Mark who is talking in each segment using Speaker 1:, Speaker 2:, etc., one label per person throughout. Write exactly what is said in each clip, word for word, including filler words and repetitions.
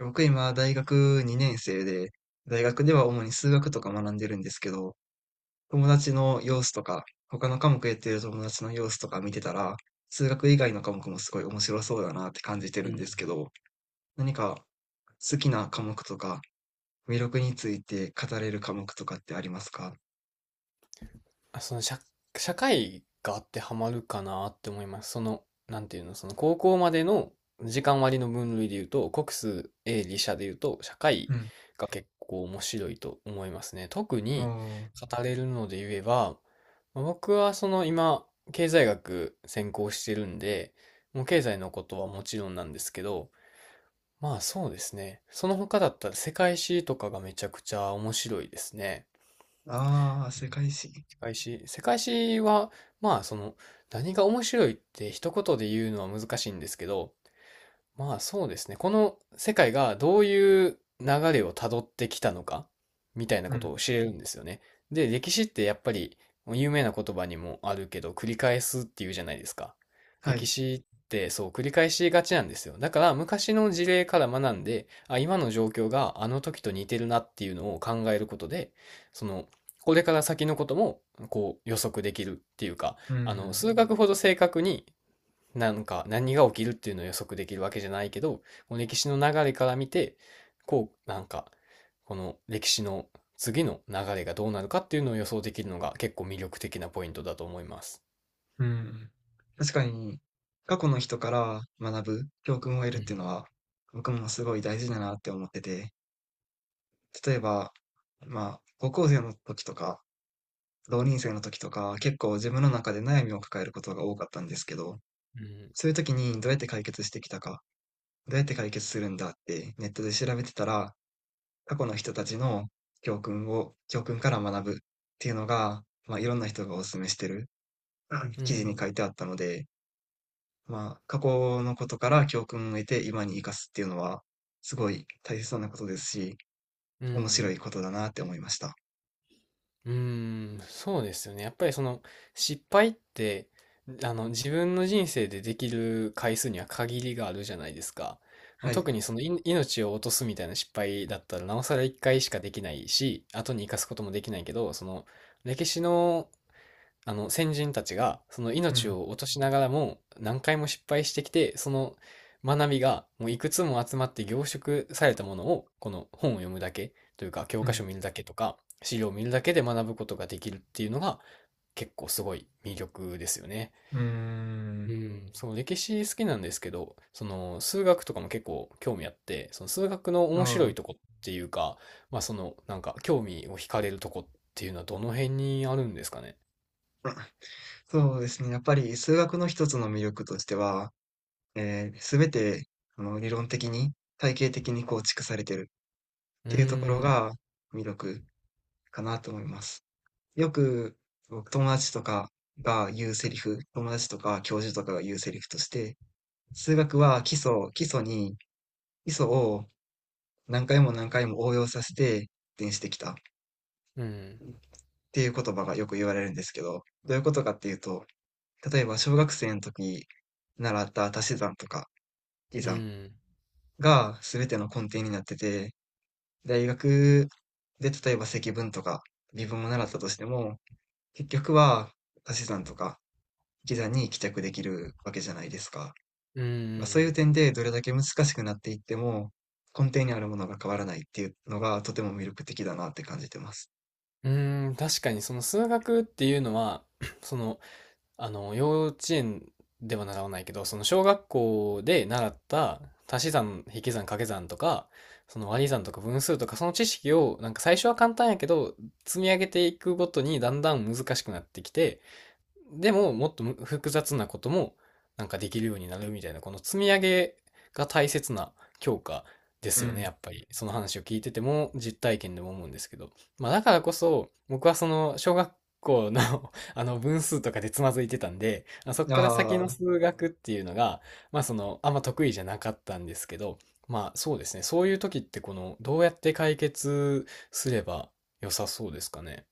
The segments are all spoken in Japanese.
Speaker 1: 僕今大学にねん生で、大学では主に数学とか学んでるんですけど、友達の様子とか、他の科目やってる友達の様子とか見てたら、数学以外の科目もすごい面白そうだなって感じて
Speaker 2: う
Speaker 1: るんで
Speaker 2: ん。
Speaker 1: すけど、何か好きな科目とか、魅力について語れる科目とかってありますか？
Speaker 2: あ、その社、社会が当てはまるかなって思います。その、なんていうの、その高校までの時間割の分類で言うと、国数、英、理、社で言うと、社会
Speaker 1: うん。
Speaker 2: が結構面白いと思いますね。特
Speaker 1: お
Speaker 2: に
Speaker 1: ー。
Speaker 2: 語れるので言えば、まあ僕はその今、経済学専攻してるんで、もう経済のことはもちろんなんですけど、まあそうですね。その他だったら世界史とかがめちゃくちゃ面白いですね。
Speaker 1: ああ、世界史。
Speaker 2: 世界史。世界史は、まあ、その、何が面白いって一言で言うのは難しいんですけど、まあそうですね。この世界がどういう流れをたどってきたのかみたいな
Speaker 1: う
Speaker 2: こと
Speaker 1: ん。
Speaker 2: を知れるんですよね。で、歴史ってやっぱり有名な言葉にもあるけど、繰り返すっていうじゃないですか。
Speaker 1: は
Speaker 2: 歴
Speaker 1: い。
Speaker 2: 史ってそう繰り返しがちなんですよ。だから昔の事例から学んで、あ、今の状況があの時と似てるなっていうのを考えることで、その、これから先のこともこう予測できるっていうか、
Speaker 1: う
Speaker 2: あの、数
Speaker 1: ん。
Speaker 2: 学ほど正確になんか何が起きるっていうのを予測できるわけじゃないけど、この歴史の流れから見て、こう、なんか、この歴史の次の流れがどうなるかっていうのを予想できるのが結構魅力的なポイントだと思います。
Speaker 1: うん。確かに、過去の人から学ぶ教訓を得る
Speaker 2: う
Speaker 1: っていうの
Speaker 2: ん。
Speaker 1: は、僕もすごい大事だなって思ってて、例えば、まあ、高校生の時とか、同人生の時とか、結構自分の中で悩みを抱えることが多かったんですけど、
Speaker 2: うん。
Speaker 1: そういう時にどうやって解決してきたか、どうやって解決するんだってネットで調べてたら、過去の人たちの教訓を、教訓から学ぶっていうのが、まあ、いろんな人がお勧めしてるうん
Speaker 2: う
Speaker 1: 記事に書い
Speaker 2: ん。
Speaker 1: てあったので、まあ、過去のことから教訓を得て今に生かすっていうのは、すごい大切なことですし、
Speaker 2: う
Speaker 1: 面白
Speaker 2: ん。
Speaker 1: いことだなって思いました。
Speaker 2: うーん、そうですよね。やっぱりその失敗って、あの自分の人生でできる回数には限りがあるじゃないですか。まあ、
Speaker 1: はい。
Speaker 2: 特にそのい命を落とすみたいな失敗だったらなおさらいっかいしかできないし、後に生かすこともできないけど、その歴史のあの先人たちがその
Speaker 1: う
Speaker 2: 命
Speaker 1: ん、
Speaker 2: を落としながらも何回も失敗してきて、その学びがもういくつも集まって凝縮されたものを、この本を読むだけというか、教
Speaker 1: う
Speaker 2: 科書を
Speaker 1: ん、
Speaker 2: 見るだけとか資料を見るだけで学ぶことができるっていうのが結構すごい魅力ですよね。
Speaker 1: うー
Speaker 2: う
Speaker 1: ん。
Speaker 2: ん、その歴史好きなんですけど、その数学とかも結構興味あって、その数学の
Speaker 1: あ
Speaker 2: 面白
Speaker 1: あ。
Speaker 2: いとこっていうか、まあそのなんか興味を惹かれるとこっていうのはどの辺にあるんですかね？
Speaker 1: そうですね。やっぱり数学の一つの魅力としては、えー、すべて、あの、理論的に、体系的に構築されてるっ
Speaker 2: うー
Speaker 1: ていうところ
Speaker 2: ん。
Speaker 1: が魅力かなと思います。よく、僕友達とかが言うセリフ、友達とか教授とかが言うセリフとして、数学は基礎、基礎に、基礎を何回も何回も応用させて発展してきたっ
Speaker 2: うん。
Speaker 1: ていう言葉がよく言われるんですけど、どういうことかっていうと、例えば小学生の時習った足し算とか引き
Speaker 2: う
Speaker 1: 算
Speaker 2: ん。
Speaker 1: が全ての根底になってて、大学で例えば積分とか微分も習ったとしても、結局は足し算とか引き算に帰着できるわけじゃないですか。
Speaker 2: う
Speaker 1: まあ、そういう
Speaker 2: ん。
Speaker 1: 点でどれだけ難しくなっていっても、根底にあるものが変わらないっていうのがとても魅力的だなって感じてます。
Speaker 2: うん。確かにその数学っていうのは、その、あの、幼稚園では習わないけど、その小学校で習った足し算、引き算、掛け算とか、その割り算とか分数とか、その知識を、なんか最初は簡単やけど、積み上げていくごとにだんだん難しくなってきて、でももっと複雑なこともなんかできるようになるみたいな、この積み上げが大切な強化で
Speaker 1: う
Speaker 2: すよね、
Speaker 1: ん。
Speaker 2: やっぱり。その話を聞いてても実体験でも思うんですけど。まあだからこそ僕はその小学校の あの分数とかでつまずいてたんで、まあそこ
Speaker 1: あ
Speaker 2: から先の
Speaker 1: あ、
Speaker 2: 数学っていうのが、まあそのあんま得意じゃなかったんですけど、まあそうですね、そういう時ってこのどうやって解決すれば良さそうですかね？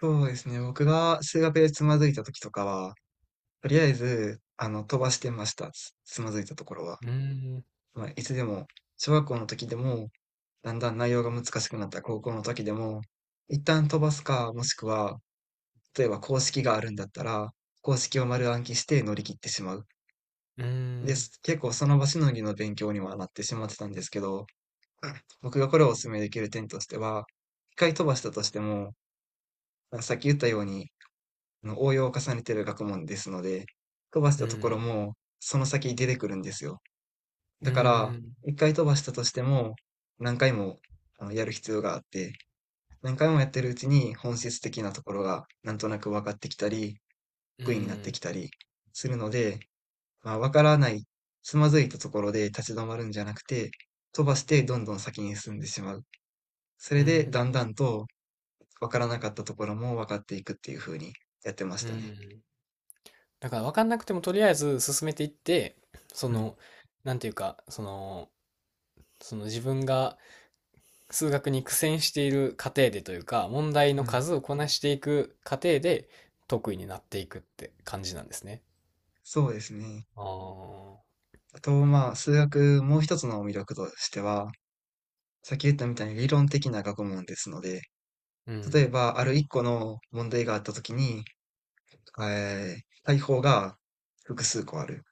Speaker 1: そうですね。僕が数学でつまずいた時とかは、とりあえず、あの、飛ばしてました。つ、つまずいたところは。
Speaker 2: うーん、
Speaker 1: まあ、いつでも、小学校の時でも、だんだん内容が難しくなった高校の時でも、一旦飛ばすか、もしくは、例えば公式があるんだったら、公式を丸暗記して乗り切ってしまう。
Speaker 2: うー
Speaker 1: で
Speaker 2: ん、
Speaker 1: す。結構その場しのぎの勉強にはなってしまってたんですけど、僕がこれをお勧めできる点としては、一回飛ばしたとしても、さっき言ったように、あの応用を重ねてる学問ですので、飛ばし
Speaker 2: う
Speaker 1: たと
Speaker 2: ー
Speaker 1: ころ
Speaker 2: ん。
Speaker 1: もその先出てくるんですよ。
Speaker 2: うー
Speaker 1: だから、
Speaker 2: ん、
Speaker 1: 一回飛ばしたとしても、何回もあのやる必要があって、何回もやってるうちに本質的なところがなんとなく分かってきたり、
Speaker 2: うー
Speaker 1: 得意になって
Speaker 2: ん、
Speaker 1: きたりするので、まあ、わからない、つまずいたところで立ち止まるんじゃなくて、飛ばしてどんどん先に進んでしまう。そ
Speaker 2: う
Speaker 1: れ
Speaker 2: ー
Speaker 1: で、だ
Speaker 2: ん、
Speaker 1: んだんと、わからなかったところも分かっていくっていう風にやってまし
Speaker 2: うー
Speaker 1: たね。
Speaker 2: ん。だから分かんなくてもとりあえず進めていって、そ
Speaker 1: うん、
Speaker 2: の、なんていうか、その、その自分が数学に苦戦している過程でというか、問題
Speaker 1: う
Speaker 2: の
Speaker 1: ん。
Speaker 2: 数をこなしていく過程で得意になっていくって感じなんですね。
Speaker 1: そうですね。
Speaker 2: ああ、
Speaker 1: あと、まあ、数学、もう一つの魅力としては、さっき言ったみたいに理論的な学問ですので、
Speaker 2: う
Speaker 1: 例え
Speaker 2: ん、
Speaker 1: ば、ある一個の問題があったときに、えー、対法が複数個ある。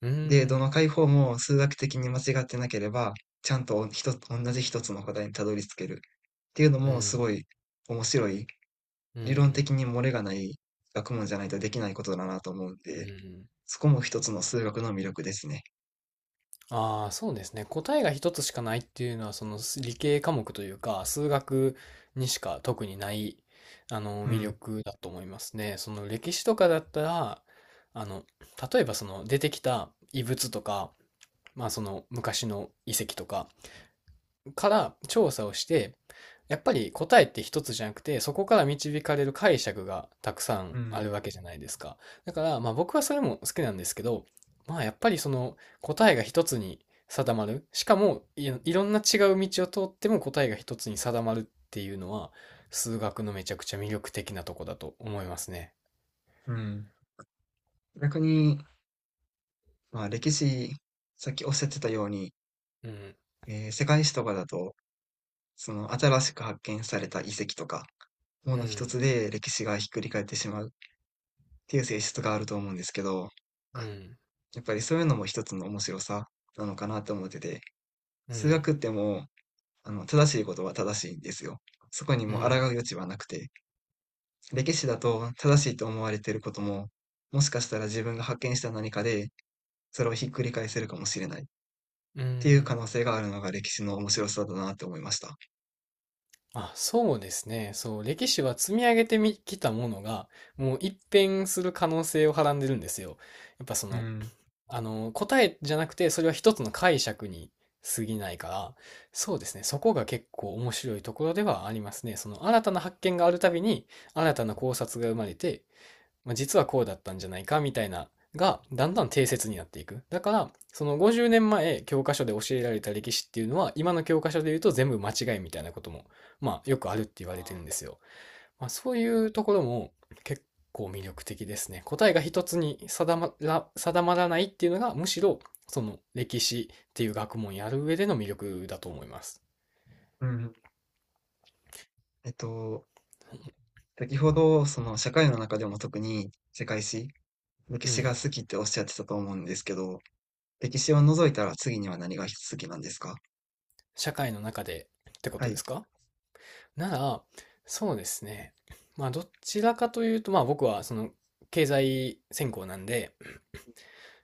Speaker 2: う
Speaker 1: で、ど
Speaker 2: ん、
Speaker 1: の解法も数学的に間違ってなければ、ちゃんと一つ、同じ一つの答えにたどり着けるっていうの
Speaker 2: う
Speaker 1: もす
Speaker 2: ん、
Speaker 1: ごい面白い、
Speaker 2: う
Speaker 1: 理論的
Speaker 2: ん、
Speaker 1: に漏れがない学問じゃないとできないことだなと思うん
Speaker 2: う
Speaker 1: で、
Speaker 2: ん。
Speaker 1: そこも一つの数学の魅力ですね。
Speaker 2: ああ、そうですね。答えが一つしかないっていうのは、その理系科目というか、数学にしか特にない、あの、
Speaker 1: う
Speaker 2: 魅
Speaker 1: ん。
Speaker 2: 力だと思いますね。その歴史とかだったら、あの、例えばその出てきた遺物とか、まあその昔の遺跡とか、から調査をして、やっぱり答えって一つじゃなくて、そこから導かれる解釈がたくさん
Speaker 1: う
Speaker 2: あ
Speaker 1: ん、
Speaker 2: るわけじゃないですか。だから、まあ僕はそれも好きなんですけど、まあやっぱりその答えが一つに定まる。しかもい、ろんな違う道を通っても答えが一つに定まるっていうのは、数学のめちゃくちゃ魅力的なとこだと思いますね。
Speaker 1: うん。逆に、まあ歴史、さっきおっしゃってたように、
Speaker 2: うん、
Speaker 1: えー世界史とかだと、その新しく発見された遺跡とか、も
Speaker 2: う
Speaker 1: の一つ
Speaker 2: ん、
Speaker 1: で歴史がひっくり返ってしまうっていう性質があると思うんですけど、
Speaker 2: うん、
Speaker 1: やっぱりそういうのも一つの面白さなのかなと思ってて、
Speaker 2: う
Speaker 1: 数学
Speaker 2: ん、
Speaker 1: ってもう、あの、正しいことは正しいんですよ。そこに
Speaker 2: う
Speaker 1: もう抗う
Speaker 2: ん、
Speaker 1: 余地はなくて、歴史だと正しいと思われていることも、もしかしたら自分が発見した何かで、それをひっくり返せるかもしれないっ
Speaker 2: う
Speaker 1: ていう可
Speaker 2: ん。
Speaker 1: 能性があるのが歴史の面白さだなと思いました。
Speaker 2: あ、そうですね。そう、歴史は積み上げてみきたものが、もう一変する可能性をはらんでるんですよ。やっぱそ
Speaker 1: う
Speaker 2: の、
Speaker 1: ん。
Speaker 2: あの、答えじゃなくて、それは一つの解釈に過ぎないから、そうですね。そこが結構面白いところではありますね。その、新たな発見があるたびに、新たな考察が生まれて、まあ、実はこうだったんじゃないかみたいながだんだん定説になっていく。だからそのごじゅうねんまえ教科書で教えられた歴史っていうのは、今の教科書で言うと全部間違いみたいなこともまあよくあるって言われてるんですよ。まあ、そういうところも結構魅力的ですね。答えが一つに定まら定まらないっていうのがむしろその歴史っていう学問やる上での魅力だと思います。
Speaker 1: うん。えっと、先ほど、その社会の中でも特に世界史、歴
Speaker 2: う
Speaker 1: 史が
Speaker 2: ん。
Speaker 1: 好きっておっしゃってたと思うんですけど、歴史を除いたら次には何が好きなんですか？
Speaker 2: 社会の中でってこ
Speaker 1: は
Speaker 2: とで
Speaker 1: い。
Speaker 2: すか？なら、そうですね。まあ、どちらかというと、まあ、僕は、その、経済専攻なんで、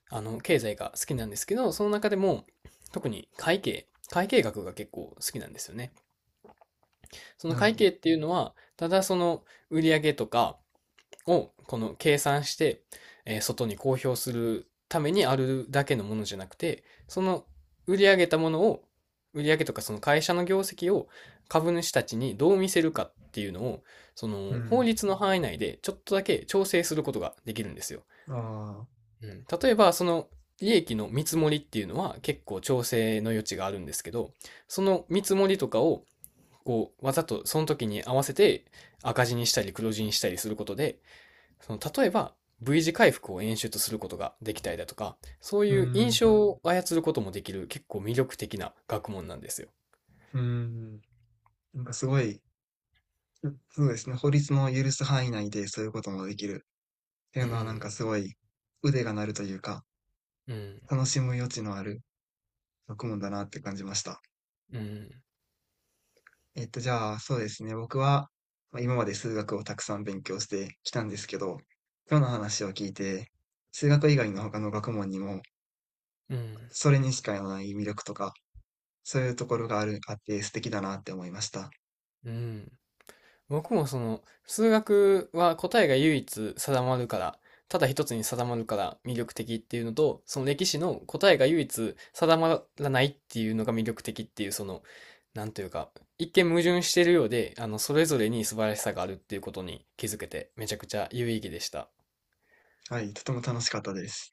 Speaker 2: あの、経済が好きなんですけど、その中でも、特に会計、会計学が結構好きなんですよね。その
Speaker 1: なるほ
Speaker 2: 会
Speaker 1: ど。
Speaker 2: 計っていうのは、ただその売上とか、を、この計算して、えー外に公表するためにあるだけのものじゃなくて、その売り上げたものを、売り上げとかその会社の業績を株主たちにどう見せるかっていうのを、そ
Speaker 1: う
Speaker 2: の法
Speaker 1: ん。
Speaker 2: 律の範囲内でちょっとだけ調整することができるんですよ。
Speaker 1: ああ、
Speaker 2: うん、例えば、その利益の見積もりっていうのは結構調整の余地があるんですけど、その見積もりとかをこうわざとその時に合わせて赤字にしたり黒字にしたりすることで、その例えば V 字回復を演出することができたりだとか、そう
Speaker 1: う
Speaker 2: いう印
Speaker 1: ん、
Speaker 2: 象を操ることもできる結構魅力的な学問なんですよ。
Speaker 1: うん。なんかすごい、うそうですね、法律の許す範囲内でそういうこともできるってい
Speaker 2: う
Speaker 1: うのはなん
Speaker 2: ん、
Speaker 1: かすごい腕が鳴るというか、
Speaker 2: うん、
Speaker 1: 楽しむ余地のある学問だなって感じました。
Speaker 2: うん、
Speaker 1: えっと、じゃあそうですね、僕は、まあ、今まで数学をたくさん勉強してきたんですけど、今日の話を聞いて、数学以外の他の学問にも、
Speaker 2: うん、
Speaker 1: それにしかない魅力とか、そういうところがある、あって素敵だなって思いました。
Speaker 2: うん。僕もその、数学は答えが唯一定まるから、ただ一つに定まるから魅力的っていうのと、その歴史の答えが唯一定まらないっていうのが魅力的っていう、その、なんというか、一見矛盾しているようで、あの、それぞれに素晴らしさがあるっていうことに気づけて、めちゃくちゃ有意義でした。
Speaker 1: はい、とても楽しかったです。